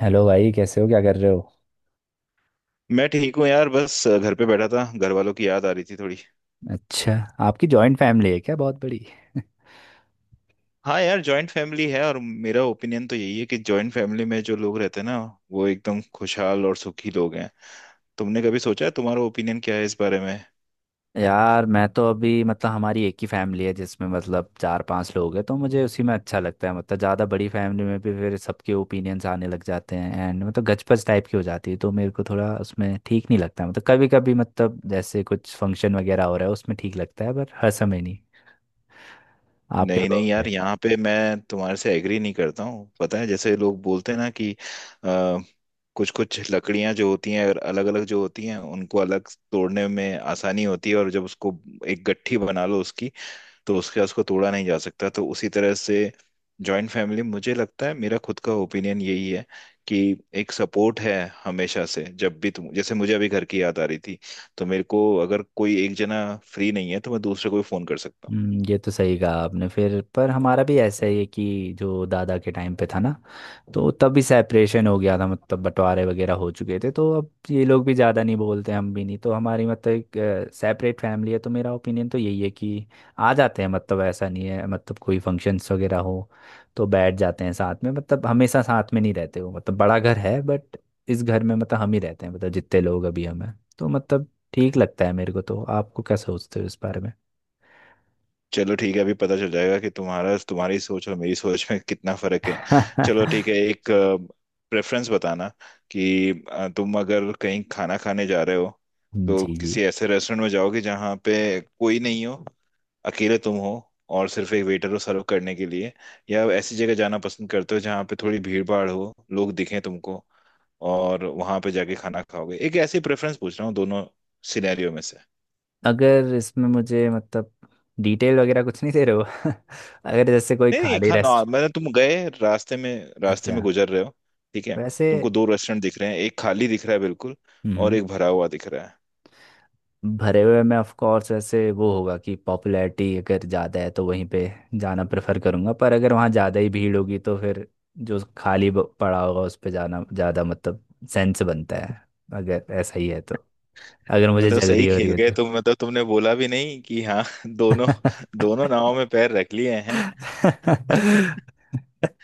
Hello भाई, कैसे हो? क्या कर रहे हो? मैं ठीक हूँ यार। बस घर पे बैठा था, घर वालों की याद आ रही थी थोड़ी। अच्छा। आपकी जॉइंट फैमिली है क्या? बहुत बड़ी? हाँ यार, जॉइंट फैमिली है और मेरा ओपिनियन तो यही है कि जॉइंट फैमिली में जो लोग रहते हैं ना, वो एकदम खुशहाल और सुखी लोग हैं। तुमने कभी सोचा है, तुम्हारा ओपिनियन क्या है इस बारे में? यार, मैं तो अभी मतलब हमारी एक ही फैमिली है, जिसमें मतलब चार पांच लोग हैं। तो मुझे उसी में अच्छा लगता है, मतलब ज़्यादा बड़ी फैमिली में भी फिर सबके ओपिनियन्स आने लग जाते हैं, एंड मतलब गचपच टाइप की हो जाती है। तो मेरे को थोड़ा उसमें ठीक नहीं लगता। मतलब कभी कभी, मतलब जैसे कुछ फंक्शन वगैरह हो रहा है, उसमें ठीक लगता है, पर हर समय नहीं। आप क्या नहीं नहीं कहोगे? यार, यहाँ पे मैं तुम्हारे से एग्री नहीं करता हूँ। पता है जैसे लोग बोलते हैं ना कि आ, कुछ कुछ लकड़ियां जो होती हैं और अलग अलग जो होती हैं उनको अलग तोड़ने में आसानी होती है, और जब उसको एक गट्ठी बना लो उसकी, तो उसके उसको तोड़ा नहीं जा सकता। तो उसी तरह से जॉइंट फैमिली, मुझे लगता है, मेरा खुद का ओपिनियन यही है कि एक सपोर्ट है हमेशा से। जब भी तुम, जैसे मुझे अभी घर की याद आ रही थी, तो मेरे को अगर कोई एक जना फ्री नहीं है तो मैं दूसरे को भी फोन कर सकता हूँ। ये तो सही कहा आपने। फिर पर हमारा भी ऐसा ही है कि जो दादा के टाइम पे था ना, तो तब भी सेपरेशन हो गया था, मतलब बंटवारे वगैरह हो चुके थे। तो अब ये लोग भी ज़्यादा नहीं बोलते, हम भी नहीं, तो हमारी मतलब एक सेपरेट फैमिली है। तो मेरा ओपिनियन तो यही है कि आ जाते हैं, मतलब ऐसा नहीं है, मतलब कोई फंक्शंस वगैरह हो तो बैठ जाते हैं साथ में, मतलब हमेशा साथ में नहीं रहते हो, मतलब बड़ा घर है, बट इस घर में मतलब हम ही रहते हैं, मतलब जितने लोग अभी हम हैं, तो मतलब ठीक लगता है मेरे को। तो आपको क्या सोचते हो इस बारे में? चलो ठीक है, अभी पता चल जाएगा कि तुम्हारा तुम्हारी सोच और मेरी सोच में कितना फर्क है। चलो ठीक है, एक प्रेफरेंस बताना कि तुम अगर कहीं खाना खाने जा रहे हो तो जी जी। किसी ऐसे रेस्टोरेंट में जाओगे जहाँ पे कोई नहीं हो, अकेले तुम हो और सिर्फ एक वेटर हो सर्व करने के लिए, या ऐसी जगह जाना पसंद करते हो जहाँ पे थोड़ी भीड़ भाड़ हो, लोग दिखें तुमको और वहां पे जाके खाना खाओगे? एक ऐसी प्रेफरेंस पूछ रहा हूँ, दोनों सिनेरियो में से। अगर इसमें मुझे मतलब डिटेल वगैरह कुछ नहीं दे रहे हो। अगर जैसे कोई नहीं नहीं खाली खाना, रेस्ट। मैंने तुम गए रास्ते में, रास्ते अच्छा। में गुजर रहे हो, ठीक है। वैसे। तुमको दो रेस्टोरेंट दिख रहे हैं, एक खाली दिख रहा है बिल्कुल और हम्म। एक भरा हुआ दिख रहा है। भरे हुए में ऑफ कोर्स वैसे वो होगा कि पॉपुलैरिटी अगर ज़्यादा है तो वहीं पे जाना प्रेफर करूँगा, पर अगर वहाँ ज़्यादा ही भीड़ होगी तो फिर जो खाली पड़ा होगा उस पे जाना ज़्यादा मतलब सेंस बनता है। अगर ऐसा ही है तो, अगर मैं मुझे तो सही जल्दी हो रही खेल है गए तो। तुम, मतलब तुमने बोला भी नहीं कि हाँ दोनों दोनों नावों में पैर रख लिए।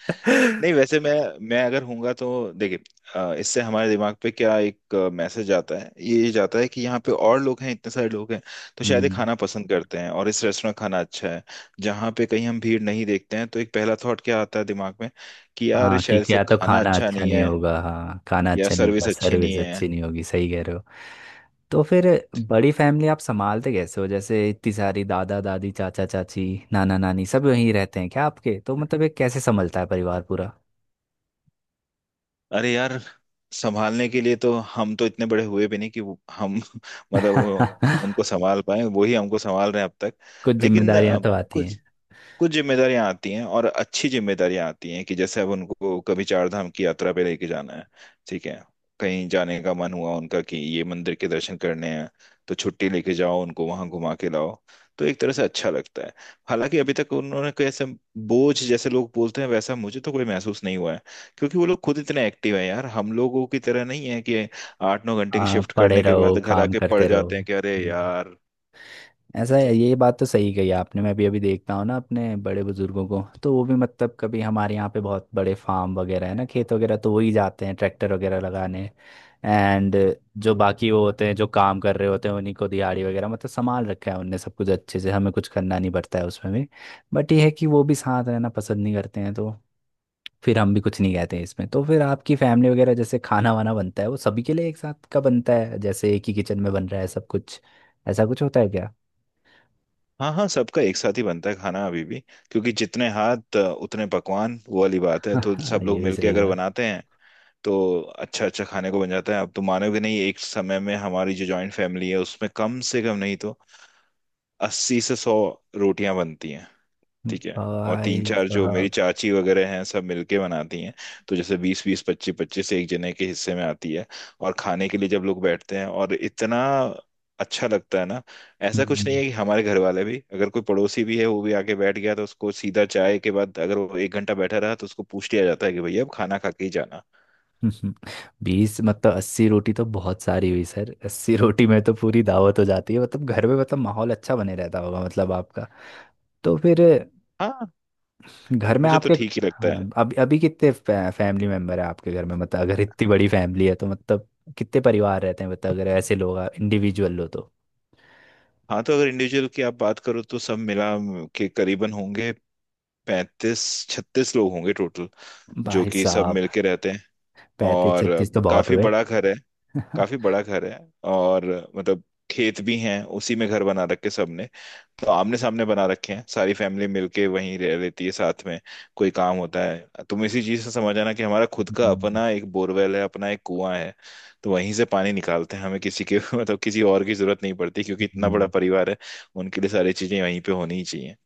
नहीं वैसे मैं अगर होऊंगा तो देखिए, इससे हमारे दिमाग पे क्या एक मैसेज आता है, ये जाता है कि यहाँ पे और लोग हैं, इतने सारे लोग हैं तो शायद ये हम्म। खाना पसंद करते हैं और इस रेस्टोरेंट खाना अच्छा है। जहाँ पे कहीं हम भीड़ नहीं देखते हैं तो एक पहला थॉट क्या आता है दिमाग में, कि यार हाँ, शायद क्योंकि इसका या तो खाना खाना अच्छा अच्छा नहीं नहीं है, होगा, हाँ, खाना या अच्छा नहीं होगा, सर्विस अच्छी नहीं सर्विस है। अच्छी नहीं होगी, सही कह रहे हो। तो फिर बड़ी फैमिली आप संभालते कैसे हो? जैसे इतनी सारी दादा दादी, चाचा चाची, नाना नानी सब यहीं रहते हैं क्या आपके? तो मतलब ये कैसे संभलता है परिवार पूरा? अरे यार, संभालने के लिए तो हम तो इतने बड़े हुए भी नहीं कि हम मतलब वो उनको संभाल पाए। वही हमको संभाल रहे हैं अब तक। कुछ लेकिन जिम्मेदारियां तो आती हैं। कुछ कुछ जिम्मेदारियां आती हैं, और अच्छी जिम्मेदारियां आती हैं, कि जैसे अब उनको कभी चार धाम की यात्रा पे लेके जाना है, ठीक है। कहीं जाने का मन हुआ उनका कि ये मंदिर के दर्शन करने हैं, तो छुट्टी लेके जाओ, उनको वहां घुमा के लाओ। तो एक तरह से अच्छा लगता है। हालांकि अभी तक उन्होंने कोई ऐसा बोझ, जैसे लोग बोलते हैं वैसा, मुझे तो कोई महसूस नहीं हुआ है, क्योंकि वो लोग खुद इतने एक्टिव हैं यार। हम लोगों की तरह नहीं है कि 8 9 घंटे की हाँ, शिफ्ट पढ़े करने के रहो, बाद घर काम आके पड़ करते रहो। जाते हैं कि अरे हम्म। यार। ऐसा है, तो ये बात तो सही कही आपने। मैं भी अभी देखता हूँ ना अपने बड़े बुजुर्गों को, तो वो भी मतलब कभी हमारे यहाँ पे बहुत बड़े फार्म वगैरह है ना, खेत वगैरह, तो वही जाते हैं ट्रैक्टर वगैरह लगाने। एंड जो बाकी वो होते हैं जो काम कर रहे होते हैं, उन्हीं को दिहाड़ी वगैरह, मतलब संभाल रखा है उनने सब कुछ अच्छे से, हमें कुछ करना नहीं पड़ता है उसमें भी। बट ये है कि वो भी साथ रहना पसंद नहीं करते हैं, तो फिर हम भी कुछ नहीं कहते हैं इसमें। तो फिर आपकी फैमिली वगैरह जैसे खाना वाना बनता है वो सभी के लिए एक साथ का बनता है? जैसे एक ही किचन में बन रहा है सब कुछ? ऐसा कुछ होता है क्या? हाँ हाँ, सबका एक साथ ही बनता है खाना अभी भी, क्योंकि जितने हाथ उतने पकवान, वो वाली बात है। तो हाँ, सब ये लोग भी मिलके सही अगर है। बनाते हैं तो अच्छा अच्छा खाने को बन जाता है। आप तो मानोगे नहीं, एक समय में हमारी जो जॉइंट फैमिली है उसमें कम से कम नहीं तो 80 से 100 रोटियां बनती हैं, ठीक है। और तीन भाई चार जो मेरी साहब। चाची वगैरह हैं, सब मिलके बनाती हैं, तो जैसे 20 20 25 25 एक जने के हिस्से में आती है। और खाने के लिए जब लोग बैठते हैं, और इतना अच्छा लगता है ना। ऐसा कुछ नहीं हम्म। है, कि हमारे घर वाले भी अगर कोई पड़ोसी भी है, वो भी आके बैठ गया, तो उसको सीधा चाय के बाद अगर वो एक घंटा बैठा रहा तो उसको पूछ लिया जाता है कि भैया अब खाना खा के ही जाना। 20 मतलब 80 रोटी तो बहुत सारी हुई सर, 80 रोटी में तो पूरी दावत हो जाती है। मतलब घर में मतलब माहौल अच्छा बने रहता होगा मतलब आपका? तो फिर हाँ, घर में मुझे तो आपके? ठीक ही लगता है। हाँ। अभी अभी कितने फैमिली मेंबर है आपके घर में, मतलब अगर इतनी बड़ी फैमिली है तो मतलब कितने परिवार रहते हैं, मतलब अगर ऐसे लोग इंडिविजुअल हो तो? हाँ तो अगर इंडिविजुअल की आप बात करो, तो सब मिला के करीबन होंगे 35 36 लोग होंगे टोटल, जो भाई कि सब साहब। मिलके रहते हैं। 35 और 36 तो बहुत काफी हुए। बड़ा घर है। काफी बड़ा घर है, और मतलब खेत भी हैं, उसी में घर बना रखे सबने। तो आमने सामने बना रखे हैं, सारी फैमिली मिलके वहीं रह लेती है साथ में। कोई काम होता है, तुम इसी चीज से समझ आना कि हमारा खुद का हम्म, अपना एक बोरवेल है, अपना एक कुआं है। तो वहीं से पानी निकालते हैं, हमें किसी के मतलब किसी और की जरूरत नहीं पड़ती, क्योंकि इतना बड़ा परिवार है, उनके लिए सारी चीजें वहीं पे होनी ही चाहिए।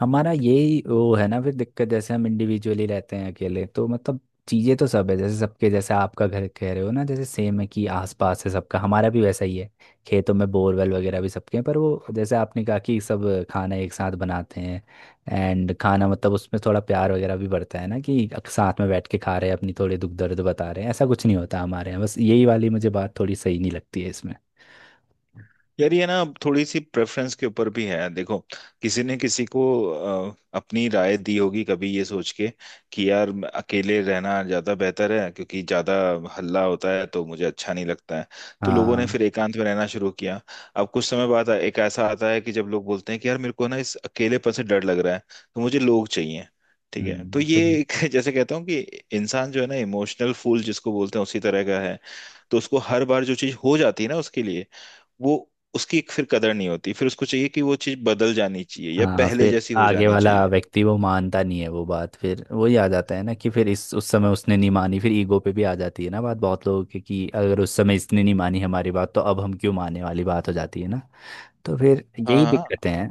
हमारा यही वो है ना फिर दिक्कत, जैसे हम इंडिविजुअली रहते हैं अकेले तो मतलब चीज़ें तो सब है, जैसे सबके, जैसे आपका घर कह रहे हो ना जैसे सेम है, कि आसपास है सबका, हमारा भी वैसा ही है। खेतों में बोरवेल वगैरह भी सबके हैं, पर वो जैसे आपने कहा कि सब खाना एक साथ बनाते हैं, एंड खाना मतलब उसमें थोड़ा प्यार वगैरह भी बढ़ता है ना, कि साथ में बैठ के खा रहे हैं, अपनी थोड़ी दुख दर्द बता रहे हैं, ऐसा कुछ नहीं होता हमारे यहाँ। बस यही वाली मुझे बात थोड़ी सही नहीं लगती है इसमें। यार ये ना अब थोड़ी सी प्रेफरेंस के ऊपर भी है। देखो, किसी ने किसी को अपनी राय दी होगी कभी, ये सोच के कि यार अकेले रहना ज्यादा बेहतर है, क्योंकि ज्यादा हल्ला होता है तो मुझे अच्छा नहीं लगता है। तो लोगों ने हाँ। फिर एकांत में रहना शुरू किया। अब कुछ समय बाद एक ऐसा आता है कि जब लोग बोलते हैं कि यार मेरे को ना इस अकेलेपन से डर लग रहा है, तो मुझे लोग चाहिए। ठीक है। तो ये फिर। एक जैसे कहता हूँ कि इंसान जो है ना, इमोशनल फूल जिसको बोलते हैं उसी तरह का है। तो उसको हर बार जो चीज हो जाती है ना, उसके लिए वो, उसकी एक फिर कदर नहीं होती। फिर उसको चाहिए कि वो चीज बदल जानी चाहिए या हाँ, पहले फिर जैसी हो आगे जानी वाला चाहिए। व्यक्ति वो मानता नहीं है वो बात, फिर वही आ जाता है ना कि फिर इस उस समय उसने नहीं मानी, फिर ईगो पे भी आ जाती है ना बात बहुत लोगों की, कि अगर उस समय इसने नहीं मानी हमारी बात तो अब हम क्यों, मानने वाली बात हो जाती है ना। तो फिर हाँ यही हाँ। दिक्कतें हैं।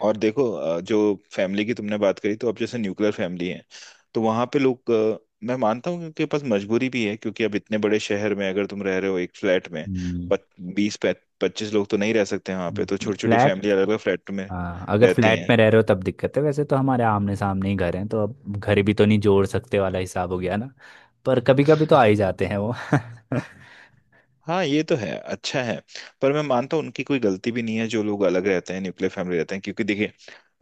और देखो, जो फैमिली की तुमने बात करी, तो अब जैसे न्यूक्लियर फैमिली है, तो वहां पे लोग, मैं मानता हूँ कि उनके पास मजबूरी भी है, क्योंकि अब इतने बड़े शहर में अगर तुम रह रहे हो एक फ्लैट में, हम्म। 20 25 लोग तो नहीं रह सकते वहां पे। तो छोटी छोटी फ्लैट। फैमिली अलग अलग फ्लैट में हाँ, अगर रहती फ्लैट हैं। में रह रहे हो तब दिक्कत है, वैसे तो हमारे आमने सामने ही घर हैं, तो अब घर भी तो नहीं जोड़ सकते वाला हिसाब हो गया ना। पर कभी कभी तो आ ही जाते हैं वो। हम्म। हाँ ये तो है, अच्छा है। पर मैं मानता हूँ उनकी कोई गलती भी नहीं है, जो लोग अलग रहते हैं, न्यूक्लियर फैमिली रहते हैं, क्योंकि देखिए,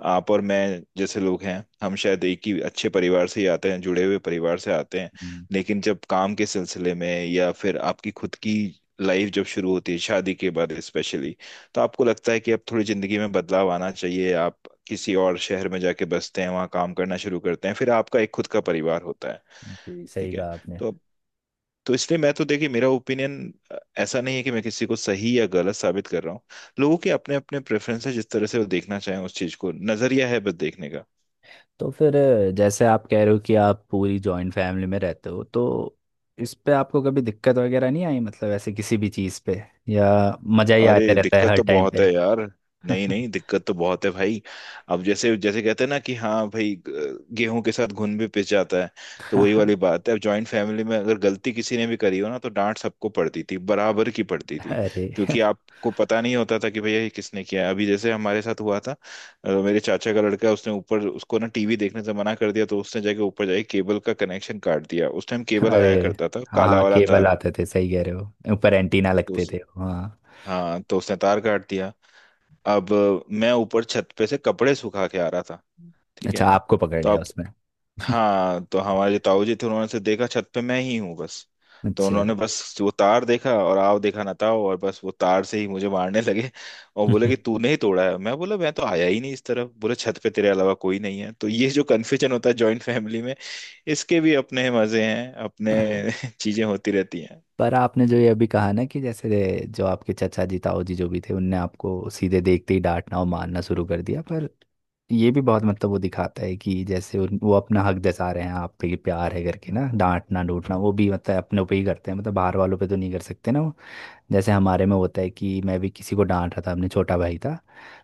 आप और मैं जैसे लोग हैं, हम शायद एक ही अच्छे परिवार से ही आते हैं, जुड़े हुए परिवार से आते हैं। लेकिन जब काम के सिलसिले में, या फिर आपकी खुद की लाइफ जब शुरू होती है शादी के बाद स्पेशली, तो आपको लगता है कि अब थोड़ी जिंदगी में बदलाव आना चाहिए। आप किसी और शहर में जाके बसते हैं, वहाँ काम करना शुरू करते हैं, फिर आपका एक खुद का परिवार होता है, जी, सही ठीक है। कहा आपने। तो इसलिए मैं तो देखिए, मेरा ओपिनियन ऐसा नहीं है कि मैं किसी को सही या गलत साबित कर रहा हूँ। लोगों के अपने अपने प्रेफरेंस है, जिस तरह से वो देखना चाहें उस चीज को, नजरिया है बस देखने का। तो फिर जैसे आप कह रहे हो कि आप पूरी जॉइंट फैमिली में रहते हो, तो इस पे आपको कभी दिक्कत वगैरह नहीं आई, मतलब ऐसे किसी भी चीज़ पे, या मज़ा ही आते अरे रहता है दिक्कत हर तो टाइम बहुत पे? है यार। नहीं नहीं दिक्कत तो बहुत है भाई। अब जैसे जैसे कहते हैं ना कि हाँ भाई, गेहूं के साथ घुन भी पिस जाता है। तो वही वाली बात है। अब जॉइंट फैमिली में अगर गलती किसी ने भी करी हो ना, तो डांट सबको पड़ती थी, बराबर की पड़ती थी, अरे, क्योंकि आपको पता नहीं होता था कि भैया ये किसने किया है। अभी जैसे हमारे साथ हुआ था, मेरे चाचा का लड़का है, उसने ऊपर, उसको ना टीवी देखने से मना कर दिया, तो उसने जाके ऊपर जाके केबल का कनेक्शन काट दिया। उस टाइम केबल अरे। आया करता था, हाँ काला हाँ, वाला केबल तार। आते थे, सही कह रहे हो, ऊपर एंटीना तो लगते उस, थे, हाँ। हाँ तो उसने तार काट दिया। अब मैं ऊपर छत पे से कपड़े सुखा के आ रहा था, ठीक अच्छा, है। आपको पकड़ तो लिया अब उसमें? हाँ, तो हमारे जो ताऊ जी थे, उन्होंने से देखा छत पे मैं ही हूँ बस। तो अच्छा। उन्होंने बस वो तार देखा, और आओ देखा ना ताओ, और बस वो तार से ही मुझे मारने लगे। और बोले कि तूने ही तोड़ा है। मैं बोला मैं तो आया ही नहीं इस तरफ। बोले छत पे तेरे अलावा कोई नहीं है। तो ये जो कन्फ्यूजन होता है जॉइंट फैमिली में, इसके भी अपने मजे हैं अपने चीजें होती रहती। पर आपने जो ये अभी कहा ना कि जैसे जो आपके चचा जी ताऊ जी जो भी थे उनने आपको सीधे देखते ही डांटना और मारना शुरू कर दिया, पर ये भी बहुत मतलब वो दिखाता है कि जैसे वो अपना हक जता रहे हैं आप पे कि प्यार है, करके ना डांटना डूटना वो भी मतलब अपने पे ही करते हैं, मतलब बाहर वालों पे तो नहीं कर सकते ना वो। जैसे हमारे में होता है कि मैं भी किसी को डांट रहा था, अपने छोटा भाई था,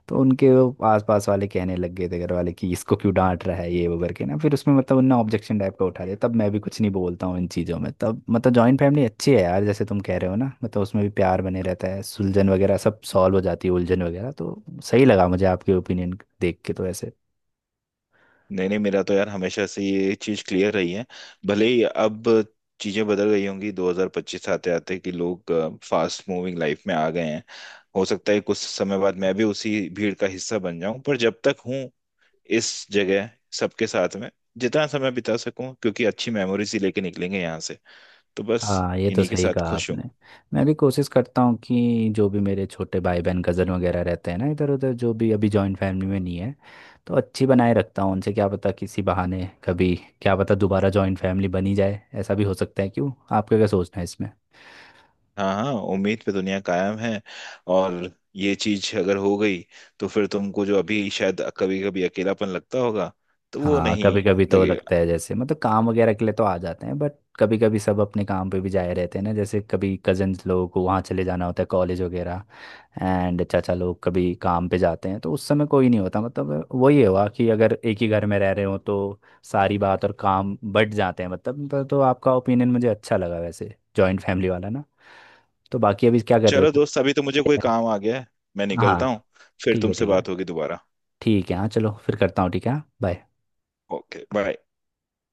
तो उनके वो आसपास वाले कहने लग गए थे घर वाले कि इसको क्यों डांट रहा है ये वो करके ना, फिर उसमें मतलब उनने ऑब्जेक्शन टाइप का उठा लिया, तब मैं भी कुछ नहीं बोलता हूँ इन चीज़ों में, तब मतलब जॉइंट फैमिली अच्छी है यार, जैसे तुम कह रहे हो ना, मतलब उसमें भी प्यार बने रहता है, सुलझन वगैरह सब सॉल्व हो जाती है उलझन वगैरह, तो सही लगा मुझे आपके ओपिनियन देख के तो ऐसे। नहीं नहीं मेरा तो यार हमेशा से ये चीज क्लियर रही है। भले ही अब चीजें बदल गई होंगी 2025 आते आते, कि लोग फास्ट मूविंग लाइफ में आ गए हैं। हो सकता है कुछ समय बाद मैं भी उसी भीड़ का हिस्सा बन जाऊं, पर जब तक हूं इस जगह, सबके साथ में जितना समय बिता सकूं, क्योंकि अच्छी मेमोरीज ही लेके निकलेंगे यहाँ से। तो बस, हाँ, ये तो इन्हीं के सही साथ कहा खुश हूं। आपने। मैं भी कोशिश करता हूँ कि जो भी मेरे छोटे भाई बहन कज़न वगैरह रहते हैं ना इधर उधर, जो भी अभी जॉइंट फैमिली में नहीं है, तो अच्छी बनाए रखता हूँ उनसे, क्या पता किसी बहाने कभी, क्या पता दोबारा जॉइंट फैमिली बनी जाए, ऐसा भी हो सकता है, क्यों? आपका क्या सोचना है इसमें? हाँ हाँ, उम्मीद पे दुनिया कायम है। और ये चीज अगर हो गई, तो फिर तुमको जो अभी शायद कभी कभी अकेलापन लगता होगा, तो वो हाँ, नहीं कभी कभी तो लगता लगेगा। है, जैसे मतलब काम वगैरह के लिए तो आ जाते हैं बट कभी कभी सब अपने काम पे भी जाए रहते हैं ना, जैसे कभी कजन्स लोगों को वहाँ चले जाना होता है कॉलेज वगैरह, एंड चाचा लोग कभी काम पे जाते हैं तो उस समय कोई नहीं होता, मतलब वही हुआ कि अगर एक ही घर में रह रहे हो तो सारी बात और काम बट जाते हैं, मतलब तो आपका ओपिनियन मुझे अच्छा लगा वैसे जॉइंट फैमिली वाला ना। तो बाकी अभी क्या कर रहे चलो हो? दोस्त, अभी तो मुझे कोई काम आ गया है, मैं निकलता हाँ। हूँ। फिर ठीक है, तुमसे ठीक है। बात होगी दोबारा। ठीक है, हाँ, चलो, फिर करता हूँ। ठीक है, हाँ, बाय। Okay bye.